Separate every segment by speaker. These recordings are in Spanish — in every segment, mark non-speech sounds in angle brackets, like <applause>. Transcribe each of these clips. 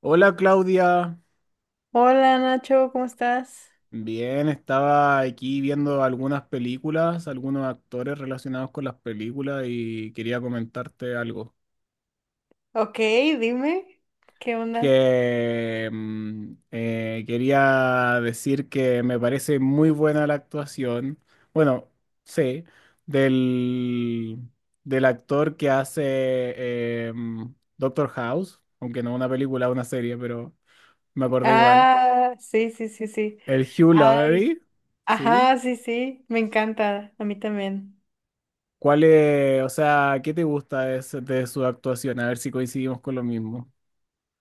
Speaker 1: Hola Claudia,
Speaker 2: Hola Nacho, ¿cómo estás?
Speaker 1: bien, estaba aquí viendo algunas películas, algunos actores relacionados con las películas y quería comentarte algo.
Speaker 2: Ok, dime, ¿qué onda?
Speaker 1: Quería decir que me parece muy buena la actuación, bueno, sí, del, del actor que hace Doctor House, aunque no una película, una serie, pero me acordé igual.
Speaker 2: Ah, sí, sí, sí, sí.
Speaker 1: El Hugh
Speaker 2: Ay,
Speaker 1: Laurie, ¿sí?
Speaker 2: ajá, sí, sí, me encanta, a mí también.
Speaker 1: ¿Cuál es, o sea, qué te gusta su de su actuación? A ver si coincidimos con lo mismo.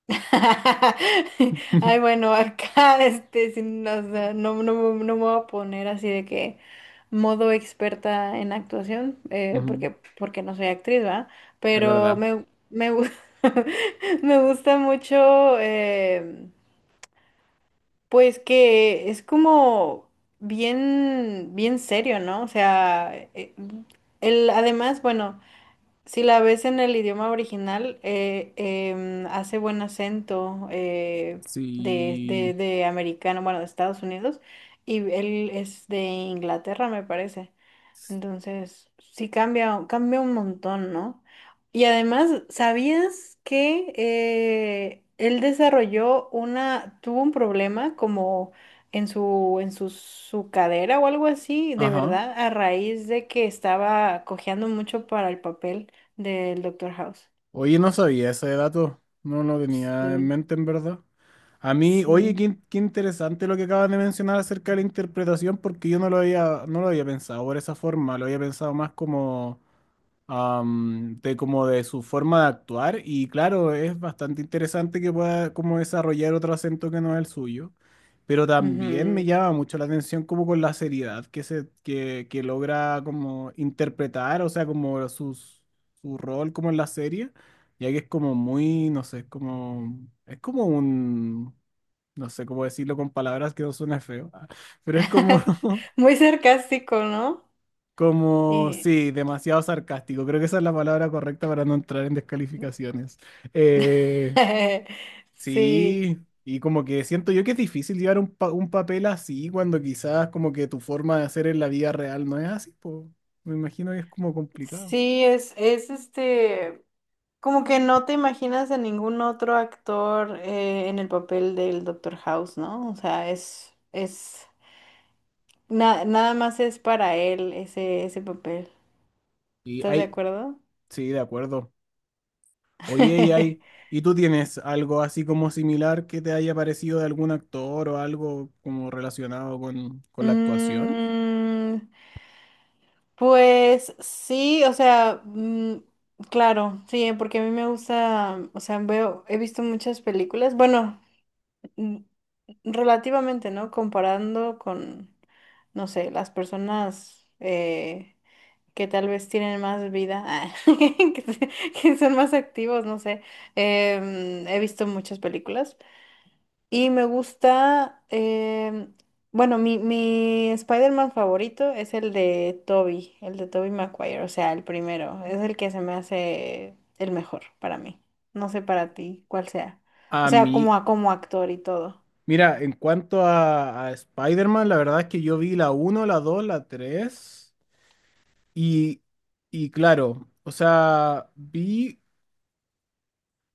Speaker 2: <laughs> Ay,
Speaker 1: <laughs>
Speaker 2: bueno, acá, o sea, no, no, no me voy a poner así de que modo experta en actuación,
Speaker 1: Ujú.
Speaker 2: porque, no soy actriz, ¿va?
Speaker 1: Es
Speaker 2: Pero
Speaker 1: verdad.
Speaker 2: <laughs> me gusta mucho, pues que es como bien, bien serio, ¿no? O sea, el, además, bueno, si la ves en el idioma original, hace buen acento de,
Speaker 1: Sí.
Speaker 2: de americano, bueno, de Estados Unidos, y él es de Inglaterra, me parece. Entonces, sí cambia, cambia un montón, ¿no? Y además, ¿sabías que él desarrolló una, tuvo un problema como en su, su cadera o algo así, de
Speaker 1: Ajá.
Speaker 2: verdad, a raíz de que estaba cojeando mucho para el papel del Doctor House?
Speaker 1: Oye, no sabía ese dato. No lo tenía en
Speaker 2: Sí,
Speaker 1: mente, en verdad. A mí, oye, qué,
Speaker 2: sí.
Speaker 1: qué interesante lo que acabas de mencionar acerca de la interpretación, porque yo no lo había pensado por esa forma. Lo había pensado más como am, de como de su forma de actuar y claro, es bastante interesante que pueda como desarrollar otro acento que no es el suyo, pero también me
Speaker 2: Ujú.
Speaker 1: llama mucho la atención como con la seriedad que logra como interpretar, o sea, como su rol como en la serie, ya que es como muy, no sé, es como un, no sé cómo decirlo con palabras que no suena feo, <laughs> pero es como
Speaker 2: <laughs>
Speaker 1: <laughs>
Speaker 2: Muy sarcástico, ¿no?
Speaker 1: como,
Speaker 2: Eh,
Speaker 1: sí, demasiado sarcástico. Creo que esa es la palabra correcta para no entrar en descalificaciones. Eh,
Speaker 2: <laughs> sí,
Speaker 1: sí, y como que siento yo que es difícil llevar un, un papel así cuando quizás como que tu forma de hacer en la vida real no es así, po. Me imagino que es como complicado.
Speaker 2: sí, es este. Como que no te imaginas a ningún otro actor en el papel del Doctor House, ¿no? O sea, es, nada más es para él ese, ese papel.
Speaker 1: Y
Speaker 2: ¿Estás de
Speaker 1: hay,
Speaker 2: acuerdo?
Speaker 1: sí, de acuerdo. Oye, y hay,
Speaker 2: <laughs>
Speaker 1: ¿y tú tienes algo así como similar que te haya parecido de algún actor o algo como relacionado con la actuación?
Speaker 2: Mm, pues sí, o sea, claro, sí, porque a mí me gusta, o sea, veo, he visto muchas películas, bueno, mm, relativamente, ¿no? Comparando con, no sé, las personas que tal vez tienen más vida, ah, <laughs> que son más activos, no sé. He visto muchas películas y me gusta, bueno, mi Spider-Man favorito es el de Tobey Maguire, o sea, el primero, es el que se me hace el mejor para mí. No sé para ti cuál sea. O
Speaker 1: A
Speaker 2: sea,
Speaker 1: mí,
Speaker 2: como, como actor y todo.
Speaker 1: mira, en cuanto a Spider-Man, la verdad es que yo vi la uno, la 2, la 3 y, y claro, o sea, vi,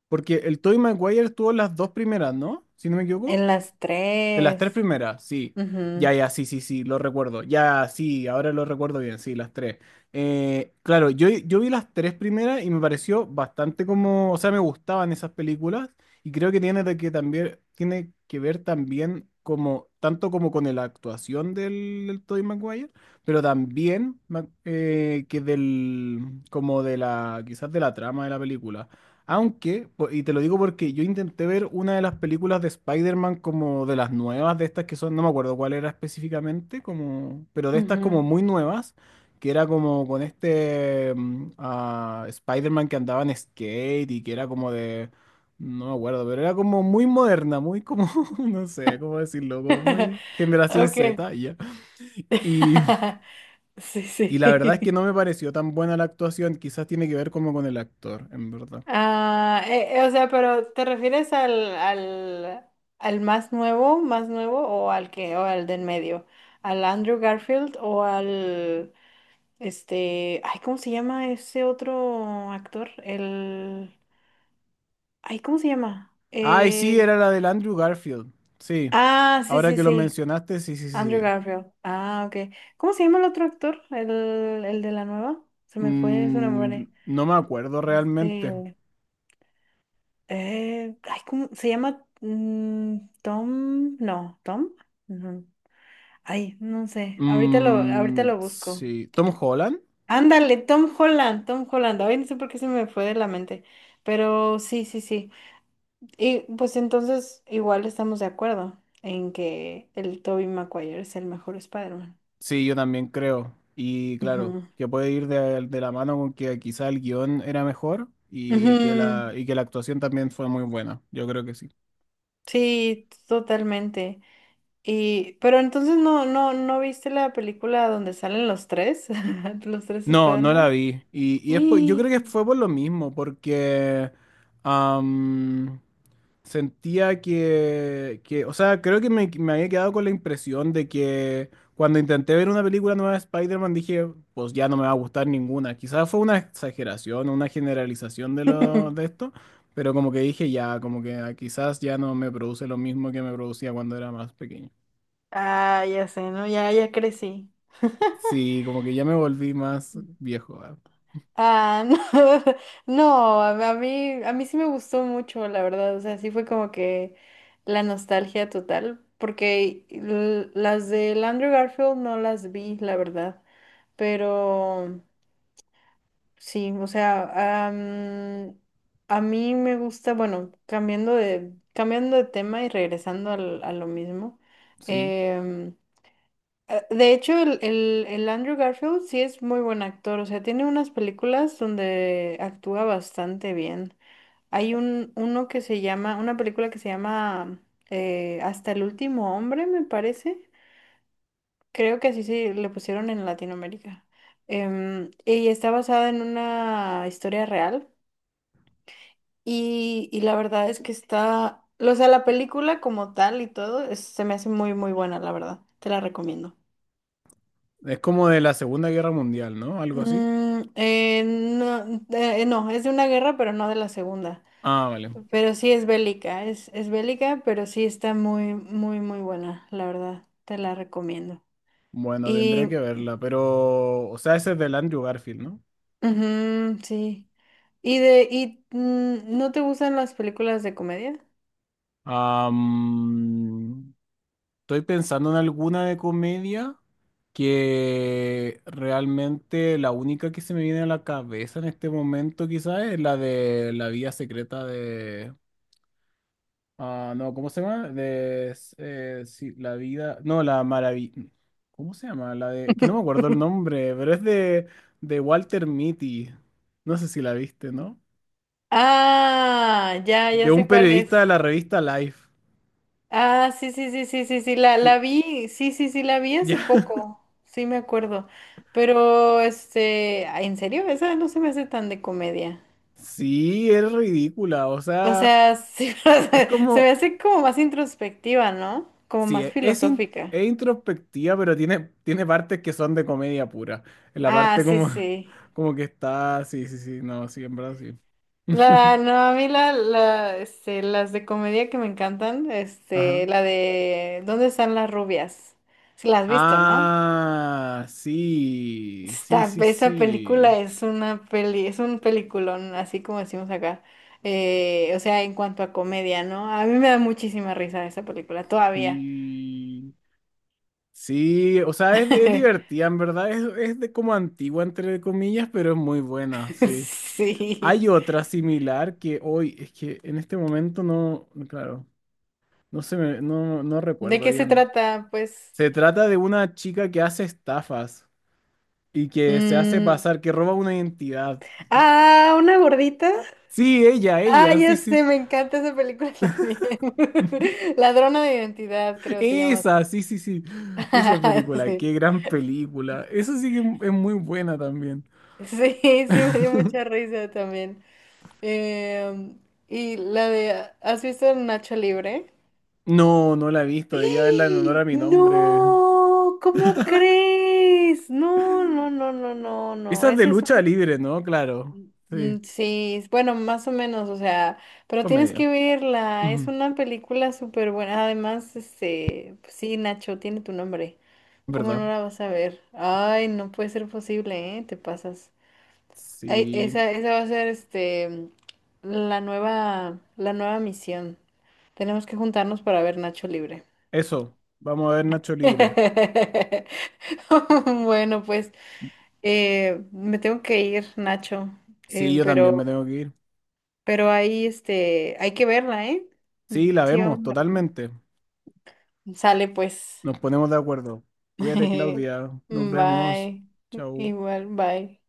Speaker 1: porque el Tobey Maguire tuvo las dos primeras, ¿no? Si no me equivoco.
Speaker 2: En las
Speaker 1: De las tres
Speaker 2: tres.
Speaker 1: primeras, sí. Ya,
Speaker 2: Ujú,
Speaker 1: ya, sí, sí, sí, lo recuerdo. Ya, sí, ahora lo recuerdo bien, sí, las tres. Claro, yo vi las tres primeras y me pareció bastante como, o sea, me gustaban esas películas y creo que tiene de que también, tiene que ver también como, tanto como con la actuación del Tobey Maguire, pero también que del, como de la, quizás de la trama de la película. Aunque, y te lo digo porque yo intenté ver una de las películas de Spider-Man como de las nuevas, de estas que son, no me acuerdo cuál era específicamente, como, pero de estas como
Speaker 2: ujú.
Speaker 1: muy nuevas, que era como con este Spider-Man que andaba en skate y que era como de, no me acuerdo, pero era como muy moderna, muy como, <laughs> no sé cómo decirlo, como
Speaker 2: <laughs>
Speaker 1: muy generación
Speaker 2: Ok.
Speaker 1: Z, y ya. Y,
Speaker 2: <laughs> Sí,
Speaker 1: y
Speaker 2: sí.
Speaker 1: la verdad es que
Speaker 2: <laughs>
Speaker 1: no me pareció tan buena la actuación, quizás tiene que ver como con el actor, en verdad.
Speaker 2: Ah, o sea, pero ¿te refieres al, al más nuevo o al que, o al del medio? ¿Al Andrew Garfield o al, este, ay, ¿cómo se llama ese otro actor? El, ay, ¿cómo se llama?
Speaker 1: Ay, sí, era la del Andrew Garfield. Sí.
Speaker 2: Ah, sí,
Speaker 1: Ahora
Speaker 2: sí,
Speaker 1: que lo
Speaker 2: sí,
Speaker 1: mencionaste, sí, sí,
Speaker 2: Andrew
Speaker 1: sí.
Speaker 2: Garfield. Ah, ok. ¿Cómo se llama el otro actor? El de la nueva. Se me fue su
Speaker 1: Mm,
Speaker 2: nombre.
Speaker 1: no me acuerdo realmente.
Speaker 2: Este. Ay, ¿cómo se llama? Tom, no, Tom. Ujú. Ay, no sé. Ahorita
Speaker 1: Mm,
Speaker 2: lo busco.
Speaker 1: sí. ¿Tom Holland?
Speaker 2: Ándale, Tom Holland, Tom Holland. Ay, no sé por qué se me fue de la mente. Pero sí, sí, sí. Y pues entonces igual estamos de acuerdo en que el Tobey Maguire es el mejor Spider-Man.
Speaker 1: Sí, yo también creo. Y claro,
Speaker 2: Ujú.
Speaker 1: que puede ir de la mano con que quizá el guión era mejor y que
Speaker 2: Ujú.
Speaker 1: y que la actuación también fue muy buena. Yo creo que sí.
Speaker 2: Sí, totalmente. Y, pero entonces no, no, no viste la película donde salen los tres, <laughs> los tres
Speaker 1: No, no la
Speaker 2: Spider-Man.
Speaker 1: vi.
Speaker 2: <gasps>
Speaker 1: Y es yo creo que
Speaker 2: ¡Ih!
Speaker 1: fue por lo mismo, porque am, sentía o sea, creo que me había quedado con la impresión de que cuando intenté ver una película nueva de Spider-Man dije, pues ya no me va a gustar ninguna. Quizás fue una exageración, una generalización de
Speaker 2: <laughs>
Speaker 1: esto, pero como que dije ya, como que ah, quizás ya no me produce lo mismo que me producía cuando era más pequeño.
Speaker 2: Ah, ya sé, ¿no? Ya, ya crecí.
Speaker 1: Sí, como que ya me volví más viejo, ah,
Speaker 2: Ah, no, <laughs> no, a mí sí me gustó mucho, la verdad. O sea, sí fue como que la nostalgia total, porque las de Andrew Garfield no las vi, la verdad. Pero sí, o sea, a mí me gusta, bueno, cambiando de tema y regresando a lo mismo.
Speaker 1: sí.
Speaker 2: em, de hecho, el Andrew Garfield sí es muy buen actor, o sea, tiene unas películas donde actúa bastante bien. Hay un, uno que se llama, una película que se llama Hasta el último hombre, me parece. Creo que así sí le pusieron en Latinoamérica. Em, y está basada en una historia real. Y la verdad es que está, o sea, la película como tal y todo, se me hace muy, muy buena, la verdad. Te la recomiendo.
Speaker 1: Es como de la Segunda Guerra Mundial, ¿no? Algo así.
Speaker 2: Mm, no, no, es de una guerra, pero no de la segunda.
Speaker 1: Ah, vale.
Speaker 2: Pero sí es bélica, pero sí está muy, muy, muy buena, la verdad. Te la recomiendo.
Speaker 1: Bueno, tendré que
Speaker 2: Y,
Speaker 1: verla, pero, o sea, ese es del Andrew Garfield, ¿no?
Speaker 2: ujú, sí. Y de, y, mm, ¿no te gustan las películas de comedia?
Speaker 1: Am, estoy pensando en alguna de comedia que realmente la única que se me viene a la cabeza en este momento quizás es la de La vida secreta de... ah, no, ¿cómo se llama? De... sí, la vida... No, la maravilla... ¿Cómo se llama? La de... Que no me acuerdo el nombre, pero es de Walter Mitty. No sé si la viste, ¿no?
Speaker 2: Ah, ya,
Speaker 1: De
Speaker 2: ya
Speaker 1: un
Speaker 2: sé cuál es.
Speaker 1: periodista de la revista Life.
Speaker 2: Ah, sí, sí, sí, sí, sí, sí, la
Speaker 1: Que-
Speaker 2: vi, sí, sí, sí, la vi hace
Speaker 1: ya.
Speaker 2: poco, sí me acuerdo, pero este, ay, en serio, esa no se me hace tan de comedia,
Speaker 1: Sí, es ridícula, o
Speaker 2: o
Speaker 1: sea,
Speaker 2: sea, sí, <laughs> o
Speaker 1: es
Speaker 2: sea, se me
Speaker 1: como,
Speaker 2: hace como más introspectiva, ¿no? Como
Speaker 1: sí,
Speaker 2: más
Speaker 1: es,
Speaker 2: filosófica.
Speaker 1: es introspectiva, pero tiene, tiene partes que son de comedia pura. En la
Speaker 2: Ah,
Speaker 1: parte
Speaker 2: sí,
Speaker 1: como,
Speaker 2: sí.
Speaker 1: <laughs> como que está, sí, sí, sí, no, sí, en verdad sí.
Speaker 2: La,
Speaker 1: <laughs>
Speaker 2: no, a mí la, este, las de comedia que me encantan,
Speaker 1: Ajá.
Speaker 2: este, la de ¿Dónde están las rubias? Si la has visto, ¿no?
Speaker 1: Ah, sí, sí,
Speaker 2: Está,
Speaker 1: sí,
Speaker 2: esa
Speaker 1: sí,
Speaker 2: película es una peli, es un peliculón, así como decimos acá. O sea, en cuanto a comedia, ¿no? A mí me da muchísima risa esa película, todavía.
Speaker 1: sí, sí, o sea, es
Speaker 2: <laughs>
Speaker 1: divertida, en verdad, es de como antigua, entre comillas, pero es muy buena, sí.
Speaker 2: Sí.
Speaker 1: Hay otra similar que hoy, es que en este momento no, claro, no
Speaker 2: ¿De
Speaker 1: recuerdo
Speaker 2: qué se
Speaker 1: bien.
Speaker 2: trata? Pues
Speaker 1: Se trata de una chica que hace estafas y que se hace
Speaker 2: mm,
Speaker 1: pasar, que roba una identidad. Y-
Speaker 2: ah, una gordita.
Speaker 1: sí,
Speaker 2: Ah,
Speaker 1: ella, sí,
Speaker 2: ya
Speaker 1: sí.
Speaker 2: sé, me encanta esa película también. <laughs> Ladrona de identidad, creo se llama así.
Speaker 1: Esa, sí, sí, sí. Esa
Speaker 2: <laughs>
Speaker 1: película,
Speaker 2: Sí,
Speaker 1: qué gran película. Esa sí que es muy buena también.
Speaker 2: sí, sí, me dio mucha
Speaker 1: <laughs>
Speaker 2: risa también. Eh, y la de, ¿has visto Nacho Libre?
Speaker 1: No, no la he visto,
Speaker 2: ¡Ah!
Speaker 1: debería verla en honor a mi nombre.
Speaker 2: No, ¿cómo crees? No, no, no, no, no,
Speaker 1: Esa
Speaker 2: no.
Speaker 1: es de
Speaker 2: Ese es
Speaker 1: lucha
Speaker 2: uno.
Speaker 1: libre, ¿no? Claro. Sí,
Speaker 2: Mm, sí, bueno, más o menos, o sea, pero tienes
Speaker 1: comedia.
Speaker 2: que verla. Es
Speaker 1: Ujú,
Speaker 2: una película súper buena. Además, este, pues sí, Nacho, tiene tu nombre. ¿Cómo
Speaker 1: ¿verdad?
Speaker 2: no la vas a ver? Ay, no puede ser posible, ¿eh? Te pasas. Ay,
Speaker 1: Sí,
Speaker 2: esa va a ser este la nueva misión. Tenemos que juntarnos para ver Nacho Libre.
Speaker 1: eso. Vamos a ver Nacho Libre.
Speaker 2: <laughs> Bueno, pues me tengo que ir, Nacho.
Speaker 1: Sí,
Speaker 2: Eh,
Speaker 1: yo también me
Speaker 2: pero,
Speaker 1: tengo que ir.
Speaker 2: pero ahí este, hay que verla, ¿eh?
Speaker 1: Sí, la
Speaker 2: Sí,
Speaker 1: vemos,
Speaker 2: vamos
Speaker 1: totalmente.
Speaker 2: a... Sale pues.
Speaker 1: Nos ponemos de acuerdo. Cuídate,
Speaker 2: <laughs>
Speaker 1: Claudia. Nos vemos.
Speaker 2: Bye.
Speaker 1: Chau.
Speaker 2: Igual, bye.